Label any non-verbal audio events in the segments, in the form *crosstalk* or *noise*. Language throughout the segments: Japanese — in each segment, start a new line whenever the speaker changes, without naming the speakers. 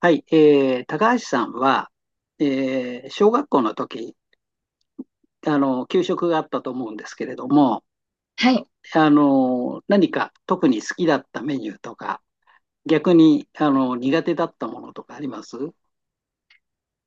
はい、高橋さんは、小学校の時、給食があったと思うんですけれども、
はい。
何か特に好きだったメニューとか、逆に、苦手だったものとかあります？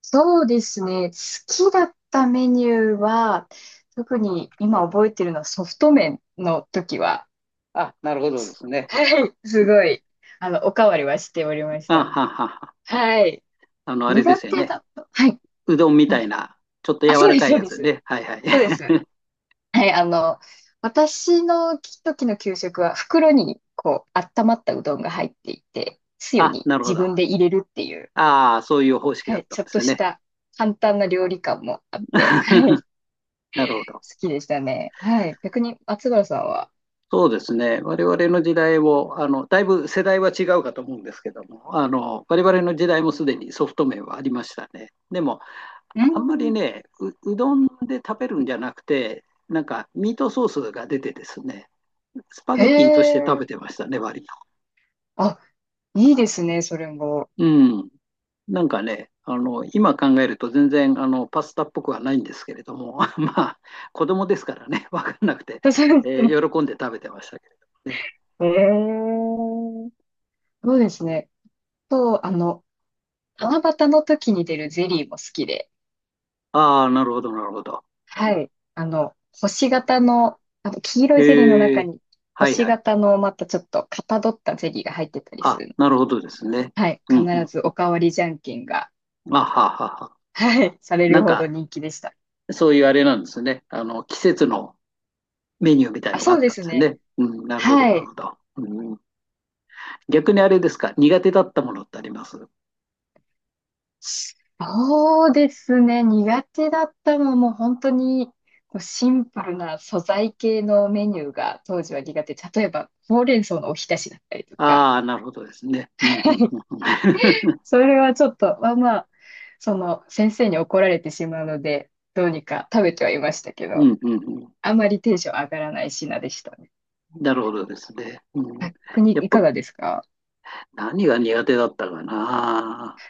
そうですね。好きだったメニューは、特に今覚えてるのはソフト麺の時は、
あ、なるほどですね。
はい。すごい、おかわりはしておりまし
あ
た。
ははは。
はい。
あれで
苦
すよ
手
ね。
だと。はい。
うどんみ
う
た
ん、
いな、ちょっと
あ、
柔
そう
ら
で
か
す、
い
そう
や
で
つ
す。
ね。はいはい。
そうです。
*laughs*
はい。私の時の給食は袋に、こう、温まったうどんが入っていて、つゆ
あ、
に
なるほ
自
ど。あ
分で入れるっていう、
あ、そういう方式
は
だっ
い。
たん
ちょっ
で
と
す
し
ね。
た簡単な料理感もあって、は
*laughs*
い。
なるほど。
きでしたね。はい。逆に、松原さんは。
そうですね、我々の時代をだいぶ世代は違うかと思うんですけども、我々の時代もすでにソフト麺はありましたね。でも、
う
あんまり
ん。
ねうどんで食べるんじゃなくて、なんかミートソースが出てですね、スパ
へ
ゲティとして食
え。
べてましたね、割と。
あ、いいですね、それも。
うん、なんかね、今考えると全然パスタっぽくはないんですけれども、*laughs* まあ、子供ですからね、分かんなくて、
*laughs* そうですね。
喜んで食べてましたけれどもね。
へえ。そうですね。と、七夕の時に出るゼリーも好きで。
ああ、なるほど、なるほど。
はい。あの、星型の、あの、黄色いゼリーの
へ
中
え、
に、
はい
星
はい。
型のまたちょっとかたどったゼリーが入ってたりす
あ、
るの。
なるほどですね。
はい。
う
必
ん
ず
う
おかわりじゃんけんが、
ん。あははは。
はい、され
な
る
ん
ほ
か、
ど人気でした。
そういうあれなんですね。季節のメニューみたい
あ、
のがあ
そ
っ
うで
たんで
す
すよ
ね。
ね。うん、なるほど、
は
なる
い。
ほど。うん、逆にあれですか、苦手だったものってあります？
そうですね。苦手だったのはもう本当にこうシンプルな素材系のメニューが当時は苦手。例えば、ほうれん草のおひたしだったりとか、
ああー、なるほどですね。うん、うん、うんうん。*laughs*
それはちょっと、まあまあ、その先生に怒られてしまうので、どうにか食べてはいましたけ
う
ど、
ん、うんうん。
あまりテンション上がらない品でしたね。
なるほどですね。うん、
逆に
やっ
いか
ぱ、
がですか？
何が苦手だったかな。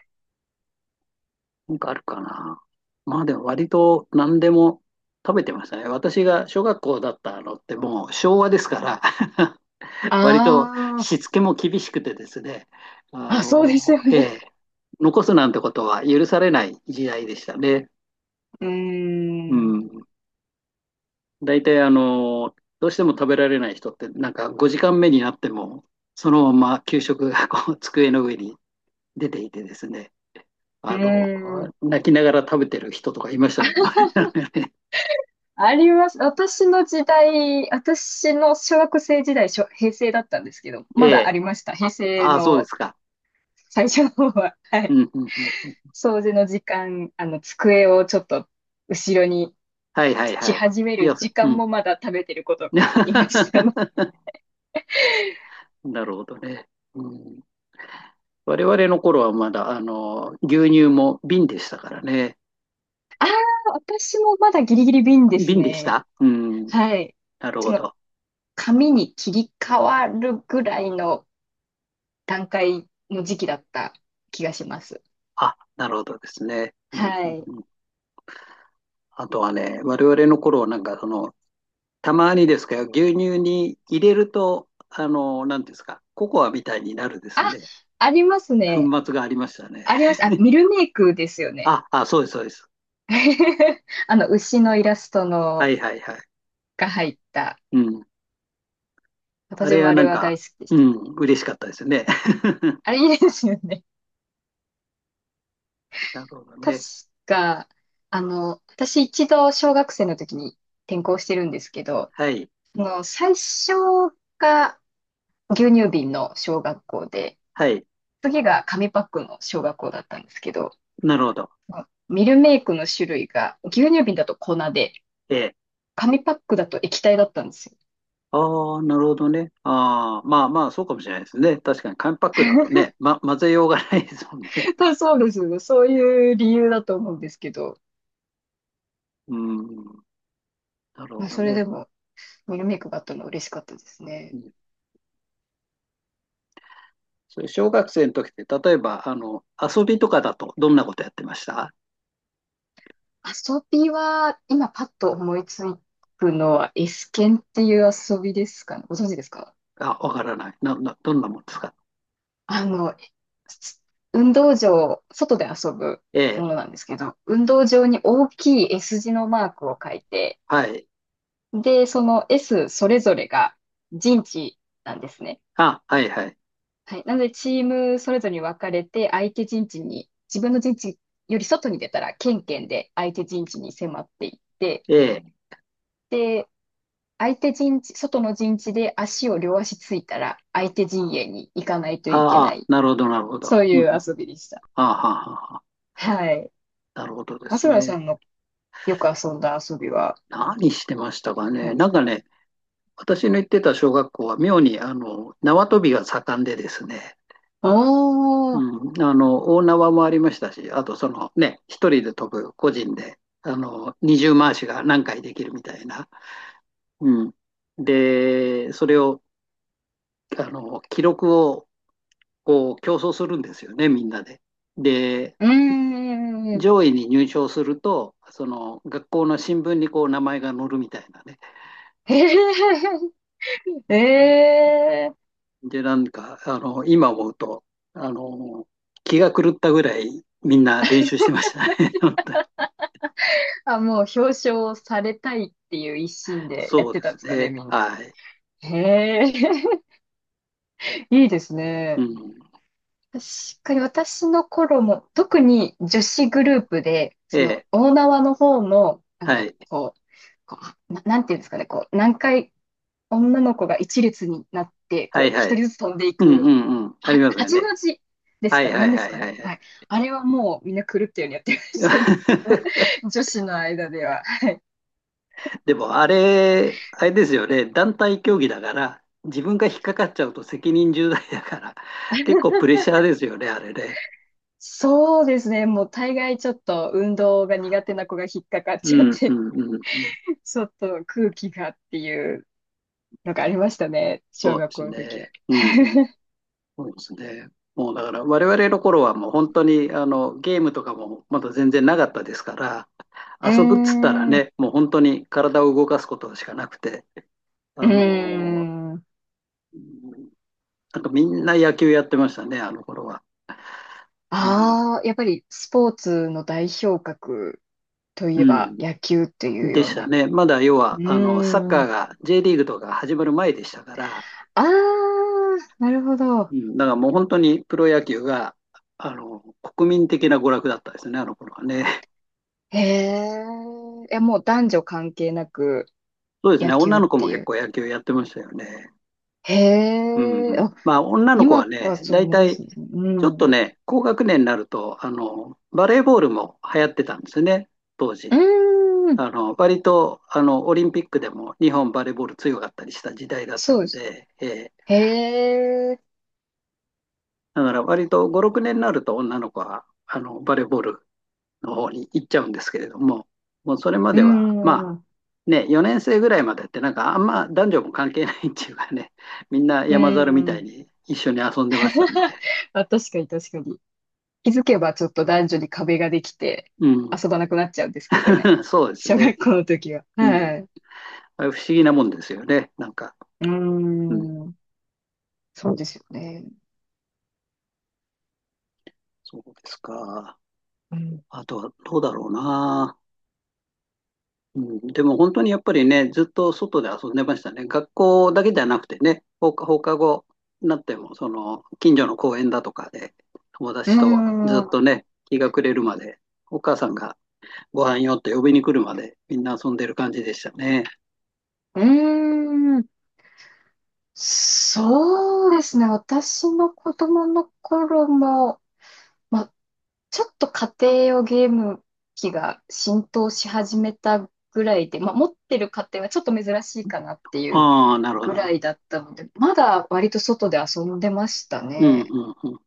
なんかあるかな。まあでも割と何でも食べてましたね。私が小学校だったのってもう昭和ですから、 *laughs* 割と
あ
しつけも厳しくてですね、あ
あー、あ、そうです
の、
よ
え
ね。
え、残すなんてことは許されない時代でしたね。
うー
う
ん、う
ん。大体どうしても食べられない人ってなんか5時間目になってもそのまま給食がこう机の上に出ていてですね、
ー
あの、
ん。
泣きながら食べてる人とかいましたけどね。*laughs*
あります。私の時代、私の小学生時代、しょ平成だったんですけど、
え
まだあ
え。
りました。平成
ああ、そうです
の
か。
最初の方は。*laughs* は
う
い。
ん、うん、うん。うん、
掃除の時間、机をちょっと後ろに
はい、はい、
し
はい。
始め
い
る
や、
時
う
間
ん。
もまだ食べてる子とかいましたね。
*laughs* なるほどね。うん、我々の頃はまだ、牛乳も瓶でしたからね。
ああ、私もまだギリギリ瓶です
瓶でし
ね。
た。うん。
はい。
なる
そ
ほ
の、
ど。
紙に切り替わるぐらいの段階の時期だった気がします。
あ、なるほどですね。うん、
は
うん、
い。
うん。あとはね、我々の頃はなんか、たまにですけど、牛乳に入れると、なんていうんですか、ココアみたいになるです
あ、
ね。
あります
粉
ね。
末がありましたね。
ありました。あ、ミルメイクですよね。
あ、あ、そうです、そうです。
*laughs* あの、牛のイラスト
は
の
い、はい、はい。
が入った。
うん。あ
私
れ
も
は
あ
な
れ
ん
は
か、
大好きでし
う
た。
ん、嬉しかったですね。*laughs*
あれいいですよね。
なるほど
確
ね。
か、私一度小学生の時に転校してるんですけど、
はい。
その最初が牛乳瓶の小学校で、
はい。
次が紙パックの小学校だったんですけど、
なるほど。
ミルメイクの種類が牛乳瓶だと粉で、
ええ。
紙パックだと液体だったんですよ。
ああ、なるほどね。ああ、まあまあ、そうかもしれないですね。確かに紙パックだとね、混ぜようがないですもんね。
あ、そうですよね。そういう理由だと思うんですけど、
*laughs* うん。なる
ま
ほ
あ、
ど
それで
ね。
も、ミルメイクがあったのは嬉しかったです
う
ね。
ん、それ小学生の時って、例えば、遊びとかだとどんなことやってました？
遊びは、今パッと思いつくのは、エスケンっていう遊びですかね。ご存知ですか？
あ、わからない。どんなもんですか？
あの、運動場、外で遊ぶ
え
も
え。
のなんですけど、運動場に大きい S 字のマークを書いて、
はい。
で、その S それぞれが陣地なんですね。
あ、はいはい。
はい。なので、チームそれぞれに分かれて、相手陣地に、自分の陣地より外に出たら、ケンケンで相手陣地に迫っていって、
ええ。
で、相手陣地、外の陣地で足を両足ついたら、相手陣営に行かないといけ
あ
な
あ、
い。
なるほど、なるほど。
そう
うん
い
う
う
ん。
遊びでした。
ああ、はあはあ。
はい。
なるほどです
松村さ
ね。
んのよく遊んだ遊びは
何してましたかね。
何で
な
す
んか
か？
ね、私の行ってた小学校は妙に縄跳びが盛んでですね、
おー、
うん、大縄もありましたし、あとね、一人で飛ぶ個人で、二重回しが何回できるみたいな。うん、で、それを記録をこう競争するんですよね、みんなで。で、
うーん。
上位に入賞すると、その学校の新聞にこう名前が載るみたいなね、
へえ、えー。
で、なんか、今思うと、あの、気が狂ったぐらいみんな練
*laughs*
習してましたね。*laughs* 本当に。
あ、もう表彰されたいっていう一心でやっ
そうで
てたん
す
ですかね、
ね。
みんな。
はい。
へえ、*laughs* いいです
う
ね。
ん。
確かに私の頃も、特に女子グループで、
え
その
え。
大縄の方の、あ
は
の、
い。
こう、こうな、なんていうんですかね、こう、何回女の子が一列になって、
は
こう、
いは
一人
い。
ずつ飛んでい
うんう
く、
んうん。あ
は、
りますよ
八の
ね。
字です
は
か
い
ね、
は
何
い
です
はい
か
は
ね。
いは
は
い。
い。あれはもうみんな狂ったようにやってましたね。*laughs*
*laughs*
女子の間では。
でも、あれですよね。団体競技だから、自分が引っかかっちゃうと責任重大だから、結構プレッシャーですよね、あれね。
そうですね。もう大概ちょっと運動が苦手な子が引っかかっ
う
ちゃっ
んう
て、
んうんうん。
*laughs* ちょっと空気がっていうのがありましたね。小
そう
学
で
校
す
の時は。
ね。うんうん。
*laughs*
そうですね。もうだから我々の頃はもう本当にゲームとかもまだ全然なかったですから、
うー
遊ぶっつったら
ん、う
ね、もう本当に体を動かすことしかなくて、あ
ー
の
ん。
うん、なんかみんな野球やってましたね、あの頃は。うん。
ああ、やっぱりスポーツの代表格といえ
う
ば
ん。
野球っていう
で
よう
した
な。
ね。まだ要
う
は、サッ
ー
カー
ん。
が J リーグとか始まる前でしたから、
ああ、なるほど。
うん、だからもう本当にプロ野球が、国民的な娯楽だったですね、あの頃はね。
へえ。いや、もう男女関係なく
そうですね、
野球
女
っ
の子
て
も
い
結
う。
構野球やってましたよね。
へ
う
え。
ん。まあ、女の子は
今は
ね、
そ
大
う、珍
体、
しいですね。う
ちょっと
ん。
ね、高学年になると、バレーボールも流行ってたんですよね、当
うー
時。
ん。
割と、オリンピックでも日本バレーボール強かったりした時代だった
そうで
ん
す。
で、
へえ。
だから割と5、6年になると女の子は、バレーボールの方に行っちゃうんですけれども、もうそれま
うー
では、まあ、
ん。う
ね、4年生ぐらいまでってなんかあんま男女も関係ないっていうかね、みんな
ー
山猿みたい
ん。
に一緒に遊んでましたね。
*laughs* あ、確かに確かに。気づけばちょっと男女に壁ができて
うん。
遊ばなくなっちゃうんですけどね。
*laughs* そうです
小
ね。
学校の時は。
うん。
はい。う
あれ不思議なもんですよね。なんか。
ー
うん。
ん。そうですよね。
そうですか。
うん。
あとはどうだろうな。うん。でも本当にやっぱりね、ずっと外で遊んでましたね。学校だけじゃなくてね、放課後になっても、近所の公園だとかで、友
うー
達とずっ
ん。
とね、日が暮れるまで、お母さんがご飯よって呼びに来るまで、みんな遊んでる感じでしたね。
うーん。そうですね。私の子供の頃も、まちょっと家庭用ゲーム機が浸透し始めたぐらいで、まあ、持ってる家庭はちょっと珍しいかなっていう
ああ、なるほ
ぐ
ど。
らいだったので、まだ割と外で遊んでました
うん、う
ね。
ん、うん。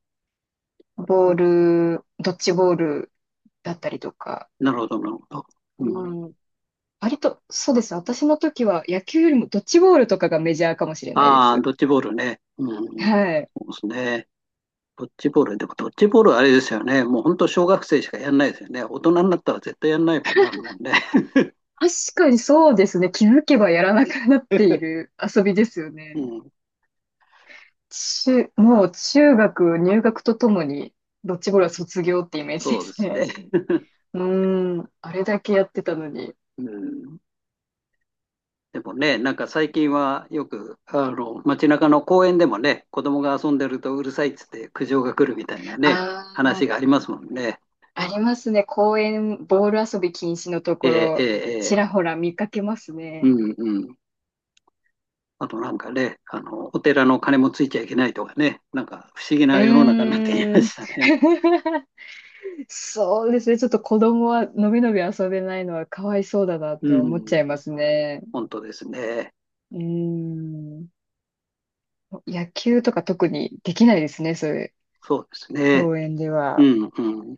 ボール、ドッジボールだったりとか。
なるほど、なるほど。う
う
ん、
ん、割と、そうです。私の時は野球よりもドッジボールとかがメジャーかもしれないで
ああ、
す。
ドッジボールね。うん。そ
はい。
うですね。ドッジボール。でもドッジボールはあれですよね。もう本当小学生しかやんないですよね。大人になったら絶対やんないもんなるもんね。
確かにそうですね。気づけばやらなくなっている遊びですよ
う
ね。
ん。
中、もう中学入学とともに、ドッジボールは卒業ってイメージで
そうで
す
すね。
ね。
*laughs*
*laughs* うーん、あれだけやってたのに。
うん。でもね、なんか最近はよく、街中の公園でもね、子供が遊んでるとうるさいっつって苦情が来るみたいなね、
あ
話がありますもんね。
あ、ありますね。公園、ボール遊び禁止のと
え
こ
えええ
ろ、ち
ええ。
らほら見かけます
う
ね。
んうん。あとなんかね、お寺の鐘もついちゃいけないとかね、なんか不思議
う
な世の中になってきま
ーん。
したね。
*laughs* そうですね。ちょっと子供はのびのび遊べないのはかわいそうだなっ
う
て思っちゃ
ん、
いますね。
本当ですね。
うーん。野球とか特にできないですね、そういう
そうですね。
公園で
う
は。
ん、うん。